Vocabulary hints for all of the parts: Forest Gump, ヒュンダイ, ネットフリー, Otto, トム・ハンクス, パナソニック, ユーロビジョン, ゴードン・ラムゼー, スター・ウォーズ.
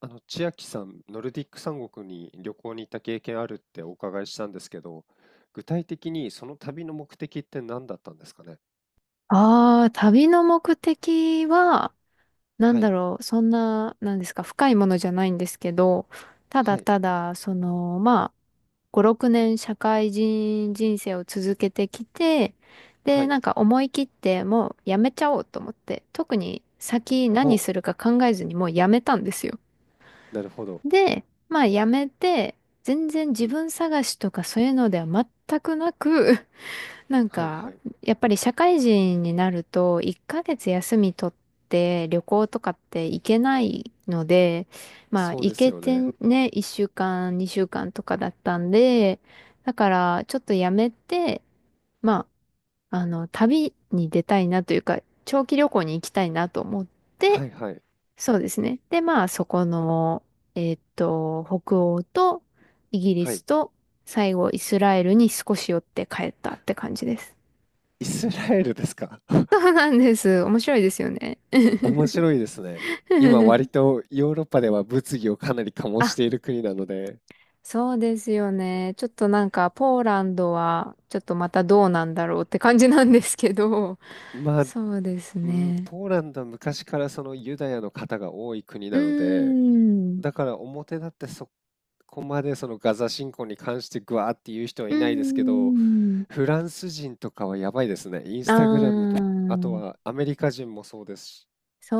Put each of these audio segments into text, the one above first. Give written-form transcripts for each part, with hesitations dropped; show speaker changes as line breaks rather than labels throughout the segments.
千秋さん、ノルディック三国に旅行に行った経験あるってお伺いしたんですけど、具体的にその旅の目的って何だったんですかね。
ああ、旅の目的は、なん
は
だ
い、
ろう、そんな、なんですか、深いものじゃないんですけど、ただ
はい、
ただ、まあ、5、6年社会人人生を続けてきて、
は
で、
い。
なんか思い切って、もうやめちゃおうと思って、特に先
ほ
何するか考えずにもうやめたんですよ。
う、なるほど。
で、まあやめて、全然
う
自
ん、
分探しとかそういうのでは全くなくなん
はい、は
か、
い。
やっぱり社会人になると、1ヶ月休み取って旅行とかって行けないので、まあ
そう
行
です
け
よ
て
ね。
ね、1週間、2週間とかだったんで、だからちょっとやめて、まあ、旅に出たいなというか、長期旅行に行きたいなと思って、
はい、はい、
そうですね。で、まあそこの、北欧とイギリ
は
ス
い。
と最後イスラエルに少し寄って帰ったって感じです。
イスラエルですか？
そうなんです。面白いですよね。
面白いですね。今、割 とヨーロッパでは物議をかなり醸し
あ、
ている国なので、
そうですよね。ちょっとなんか、ポーランドは、ちょっとまたどうなんだろうって感じなんですけど、
まあ、
そうです
うん、
ね。
ポーランドは昔からそのユダヤの方が多い国
うー
なので、
ん。
だから表立ってそこまでそのガザ侵攻に関してグワーって言う人は
う
いないですけ
ー
ど、
ん。
フランス人とかはやばいですね。インスタグラム
あ
と、あとは
あ
アメリカ人もそうですし、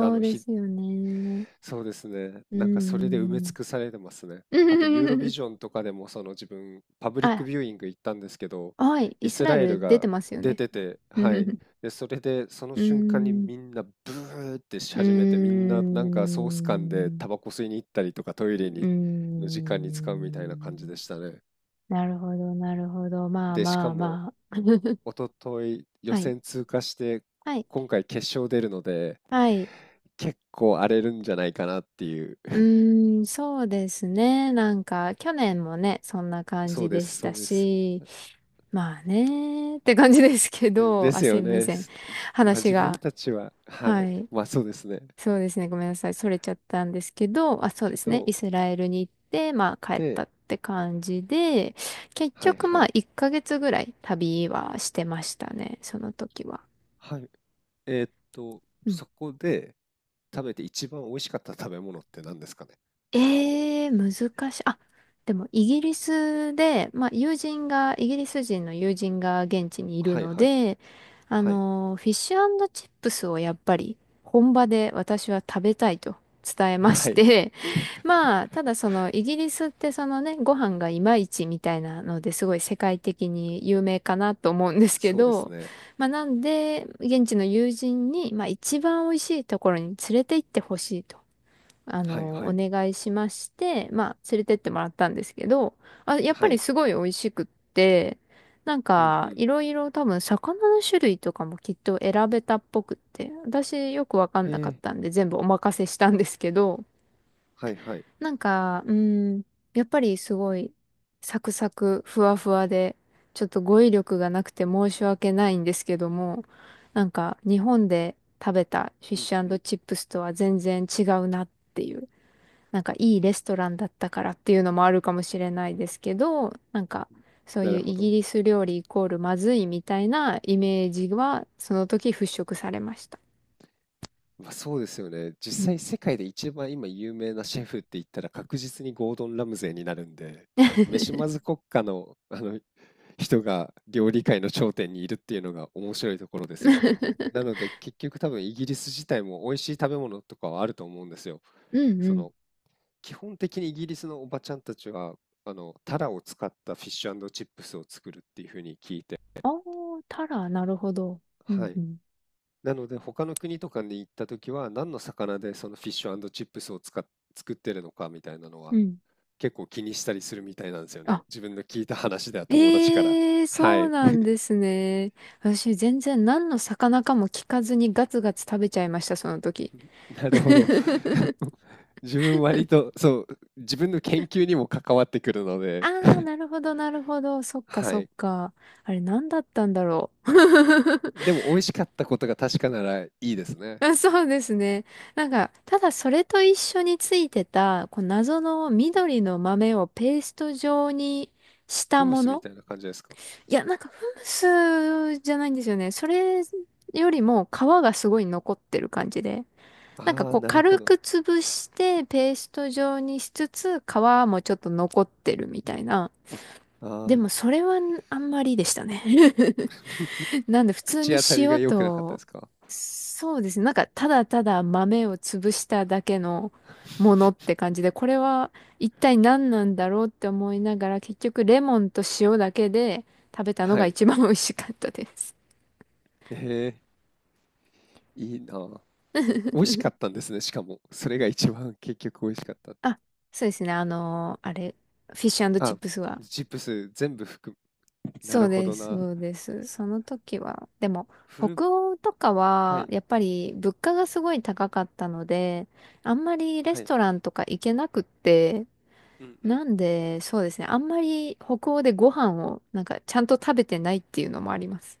あ
う
の
で
ひ
すよね。
そうですね。
うー
なんかそれで埋め尽
ん。
くされてますね。あとユーロビ ジョンとかでもその自分パブリック
あ、
ビューイング行ったんですけど、
はい、
イ
イス
ス
ラエ
ラエル
ル出
が
てますよ
出
ね。
て て、
う
はい。
ーん。
で、それでその瞬間に
う
みんなブーってし
ー
始めて、みんななんかソース缶でタ
ん。
バコ吸いに行ったりとかトイ
う
レ
ー
にの時間に使うみたいな感じで
ん。
したね。
なるほど、なるほど。まあ
で、し
ま
か
あ
も
まあ。
一昨日予
はい。
選通過して
はい。
今回決勝出るので
はい。
結構荒れるんじゃないかなっていう。
うーん、そうですね。なんか、去年もね、そんな 感
そ
じ
うで
で
す、
し
そ
た
うです。
し、まあね、って感じですけ
で
ど、あ、
す
すい
よ
ま
ね。
せん。
まあ、
話
自
が。
分たちは、は
は
い。
い。
まあそうですね。
そうですね。ごめんなさい。それちゃったんですけど、あ、そうで
け
すね。イ
ど、
スラエルに行って、まあ帰っ
で、
たって感じで、結
はい
局
は
まあ
い。
1ヶ月ぐらい旅はしてましたね。その時は。
はい。えーっと、
うん。
そこで食べて一番美味しかった食べ物って何ですかね。
難しい。あ、でもイギリスで、まあ友人が、イギリス人の友人が現地にいる
はい
の
はい。
で、
はい。
フィッシュチップスをやっぱり本場で私は食べたいと伝えまし
はい。
て、まあ、ただそのイギリスってそのね、ご飯がいまいちみたいなのですごい世界的に有名かなと思うんですけ
そうです
ど、
ね。
まあなんで、現地の友人に、まあ一番美味しいところに連れて行ってほしいと、
はいは
お
い。
願いしまして、まあ連れてってもらったんですけど、あ、やっぱ
は
り
い。
すごい美味しくって、なん
うんう
か、
ん。
いろいろ多分魚の種類とかもきっと選べたっぽくって、私よくわか
へ
んなかっ
え。
たんで全部お任せしたんですけど、
はいはい。
なんか、うん、やっぱりすごい、サクサク、ふわふわで、ちょっと語彙力がなくて申し訳ないんですけども、なんか、日本で食べたフィッ
うん
シ
う
ュ
ん。
チップスとは全然違うなっていう、なんかいいレストランだったからっていうのもあるかもしれないですけど、なんか、そう
な
いう
るほ
イギ
ど。
リス料理イコールまずいみたいなイメージは、その時払拭されました。
まあ、そうですよね。
う
実
ん。
際世界で一番今有名なシェフって言ったら確実にゴードン・ラムゼーになるんで、飯ま ず国家の、あの人が料理界の頂点にいるっていうのが面白いところですよね。なので結局多分イギリス自体も美味しい食べ物とかはあると思うんですよ。
うんう
そ
ん。
の基本的にイギリスのおばちゃんたちはあのタラを使ったフィッシュチップスを作るっていうふうに聞いて、
ああ、タラ、なるほど。う
は
ん、
い。
うん、
なので他の国とかに行った時は何の魚でそのフィッシュチップスを使っ作ってるのかみたいなのは
うん。
結構気にしたりするみたいなんですよね。
あ、
自分の聞いた話では友達から。
ええ
は
そう
い、
なんですね。私、全然何の魚かも聞かずにガツガツ食べちゃいました、その時。
なるほど。自分割とそう、自分の研究にも関わってくるの
あ
で、
あ、なるほど、なるほど。そっか、
は
そっ
い。
か。あれ、何だったんだろう。
でも美味しかったことが確かならいいですね。
あそうですね。なんか、ただそれと一緒についてた、こう謎の緑の豆をペースト状にし
フ
た
ム
も
スみ
の。
たいな感じですか？
いや、なんかフムスじゃないんですよね。それよりも皮がすごい残ってる感じで。なんか
ああ、
こう
なるほ
軽く
ど。
潰してペースト状にしつつ皮もちょっと残ってるみたいな。
あ
でも
あ、
それはあんまりでしたね。なんで普通
口
に
当たりが
塩
良くなかったで
と、
すか？
そうですね。なんかただただ豆を潰しただけの ものって感じで、これは一体何なんだろうって思いながら、結局レモンと塩だけで食べたの
は
が
い。
一番美味しかったです。
ええ、いいなあ。美味しかったんですね、しかも。それが一番結局美味しかった。
あ、そうですね。あれ、フィッシュチッ
あ、
プスは。
チップス全部含む。な
そう
るほ
で
ど
す、
な。
そうです。その時は、でも、
フル、
北欧とか
は
は、
い、
やっぱり物価がすごい高かったので、あんまりレ
は
ス
い。
トランとか行けなくって、
うんうん。
なんで、そうですね。あんまり北欧でご飯を、なんか、ちゃんと食べてないっていうのもあります。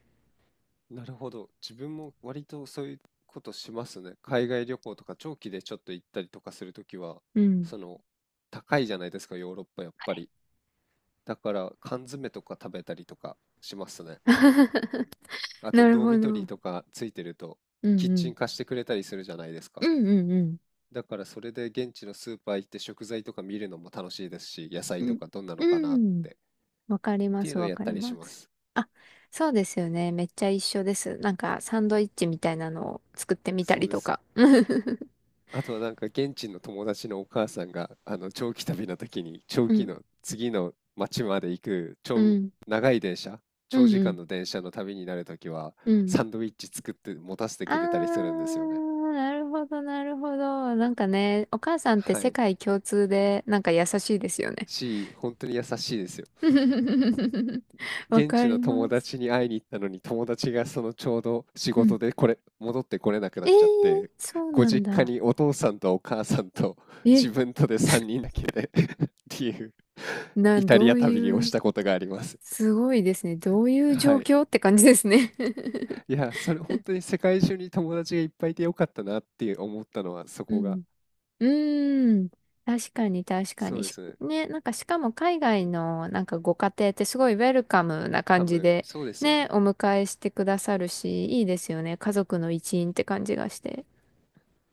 なるほど。自分も割とそういうことしますね。海外旅行とか長期でちょっと行ったりとかするときは、
うん。
その、高いじゃないですか、ヨーロッパやっぱり。だから缶詰とか食べたりとかしますね。あと、
なる
ドー
ほど。
ミト
う
リー
ん
とかついてると、
う
キッチ
ん。
ン貸してくれたりするじゃないです
う
か。
んうんうん。
だからそれで現地のスーパー行って食材とか見るのも楽しいですし、野菜
う
と
ん。
かどんなのか
う
なっ
ん。
てっ
わかりま
ていう
す、
のを
わ
やっ
か
た
り
りし
ま
ま
す。
す。
あ、そうですよね。めっちゃ一緒です。なんか、サンドイッチみたいなのを作ってみた
そう
り
で
と
す。
か。
あとはなんか現地の友達のお母さんがあの長期旅の時に長
う
期
ん。
の次の町まで行く
う
長、
ん。
長い電車、長
うん
時
う
間
ん。
の電車の旅になる時は
うん。
サンドイッチ作って持たせて
あ
くれたりするんですよね。
ー、なるほど、なるほど。なんかね、お母さんって
は
世
い。
界共通で、なんか優しいですよね。
し、本当に優しいですよ。
わ
現
か
地
り
の友
ます。
達に会いに行ったのに友達がそのちょうど仕
うん。
事でこれ戻ってこれなくな
え
っ
え
ちゃって
そう
ご
なん
実家
だ。
にお父さんとお母さんと自
え、
分とで3人だけで っていうイタ
ど
リア
う
旅を
い
し
う、
たことがあります。
すごいですね。どういう状
はい。
況って感じですね。
いや、それ本当に世界中に友達がいっぱいいてよかったなって思ったのはそ
う
こが。
ん。うーん。確かに、確か
そう
に。
で
し
すね。
ね、なんかしかも海外のなんかご家庭ってすごいウェルカムな
多
感じ
分、
で、
そうですよ
ね、お
ね。
迎えしてくださるし、いいですよね。家族の一員って感じがして。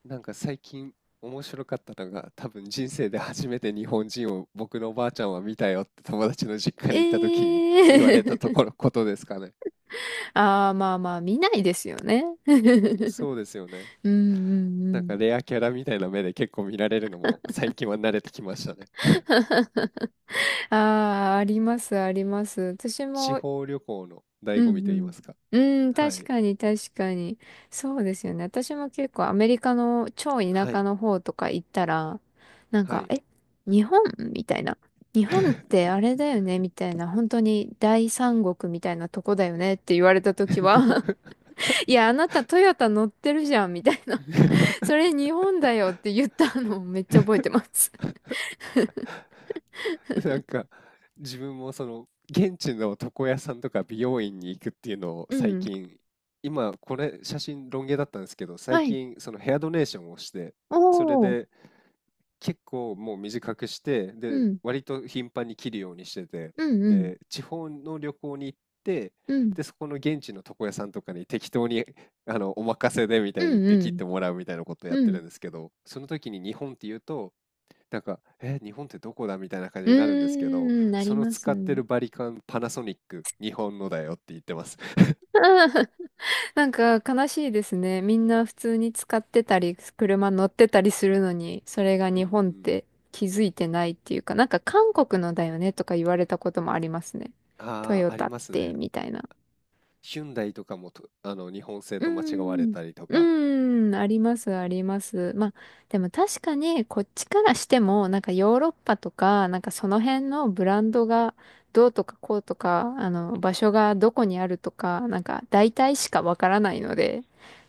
なんか最近面白かったのが、多分人生で初めて日本人を僕のおばあちゃんは見たよって友達の実家
え
に行った時に言われたと
え
ころ、ことですかね。
ああ、まあまあ、見ないですよね。うん
そうですよね。
うんう
なん
ん。
かレアキャラみたいな目で結構見られるのも最近は慣れてきましたね。
ああ、あります、あります。私
地
も、
方旅行の
う
醍醐味
ん
と言いますか。
うん。うん、
は
確
い。
かに、確かに。そうですよね。私も結構アメリカの超田
は
舎
い。
の方とか行ったら、なん
は
か、
い。
え、日本みたいな。日本ってあれだよねみたいな。本当に大三国みたいなとこだよねって言われた時は いや、あなたトヨタ乗ってるじゃんみたいな。それ日本だよって言ったのをめっちゃ覚えてます。
なんか、自分もその、現地の床屋さんとか美容院に行くっていうのを
う
最
ん。
近、今これ写真ロン毛だったんですけど、最
はい。
近そのヘアドネーションをして、それ
おー。
で結構もう短くして、
う
で、
ん。
割と頻繁に切るようにしてて、
うんうん。
で、地方の旅行に行って、
うん。
で、そこの現地の床屋さんとかに適当に、あの、お任せでみた
う
いに言っ
んう
て切っ
ん。
てもらうみたいなことをやっ
う
て
ん。
るんですけど、その時に日本って言うと、なんか、え、日本ってどこだみたいな感
う
じ
ー
になるんですけど、
ん、な
そ
り
の
ます。
使ってるバリカン、パナソニック、日本のだよって言ってます。
なんか悲しいですね。みんな普通に使ってたり、車乗ってたりするのに、それが
う
日
ん
本
う
っ
ん。
て気づいてないっていうか、なんか韓国のだよねとか言われたこともありますね。ト
あ
ヨ
あ、あ
タ
り
っ
ますね。
て、みたいな。
ヒュンダイとかもと、あの、日本製
う
と間違われ
ん。
たりとか。
うん。あります、あります。まあ、でも確かに、こっちからしても、なんかヨーロッパとか、なんかその辺のブランドがどうとかこうとか、場所がどこにあるとか、なんか大体しかわからないので、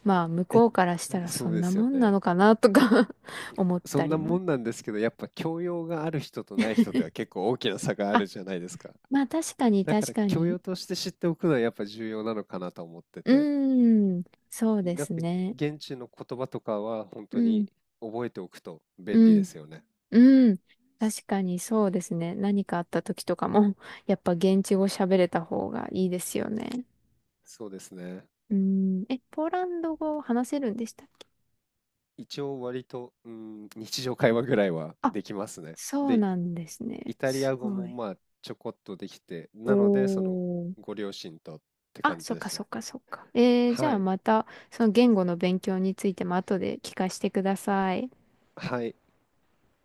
まあ、向
え、
こうからしたら
そ
そ
う
ん
で
な
すよ
もんな
ね。
のかなとか 思っ
そ
た
ん
り
な
も。
もんなんですけど、やっぱ教養がある人とない人では結構大きな差があ
あ、
るじゃないですか。
まあ確かに、
だか
確
ら
か
教
に。
養として知っておくのはやっぱ重要なのかなと思って
う
て。
ーん。そうで
なん
す
か
ね。
現地の言葉とかは本
う
当に
ん。
覚えておくと便
う
利で
ん。
すよね。
うん。確
そ
かにそうですね。何かあった時とかも、やっぱ現地語喋れた方がいいですよね。
そうですね。
うん。え、ポーランド語話せるんでしたっけ？
一応割と、うん、日常会話ぐらいは
あ、
できますね。
そう
で、
なんですね。
イタリ
す
ア語
ご
も
い。
まあちょこっとできて、
お
なのでその
ー。
ご両親とって
あ、
感
そ
じ
っ
で
か
した
そ
ね。
っかそっか。じゃ
は
あ
い。
また、その言語の勉強についても後で聞かせてください。
はい。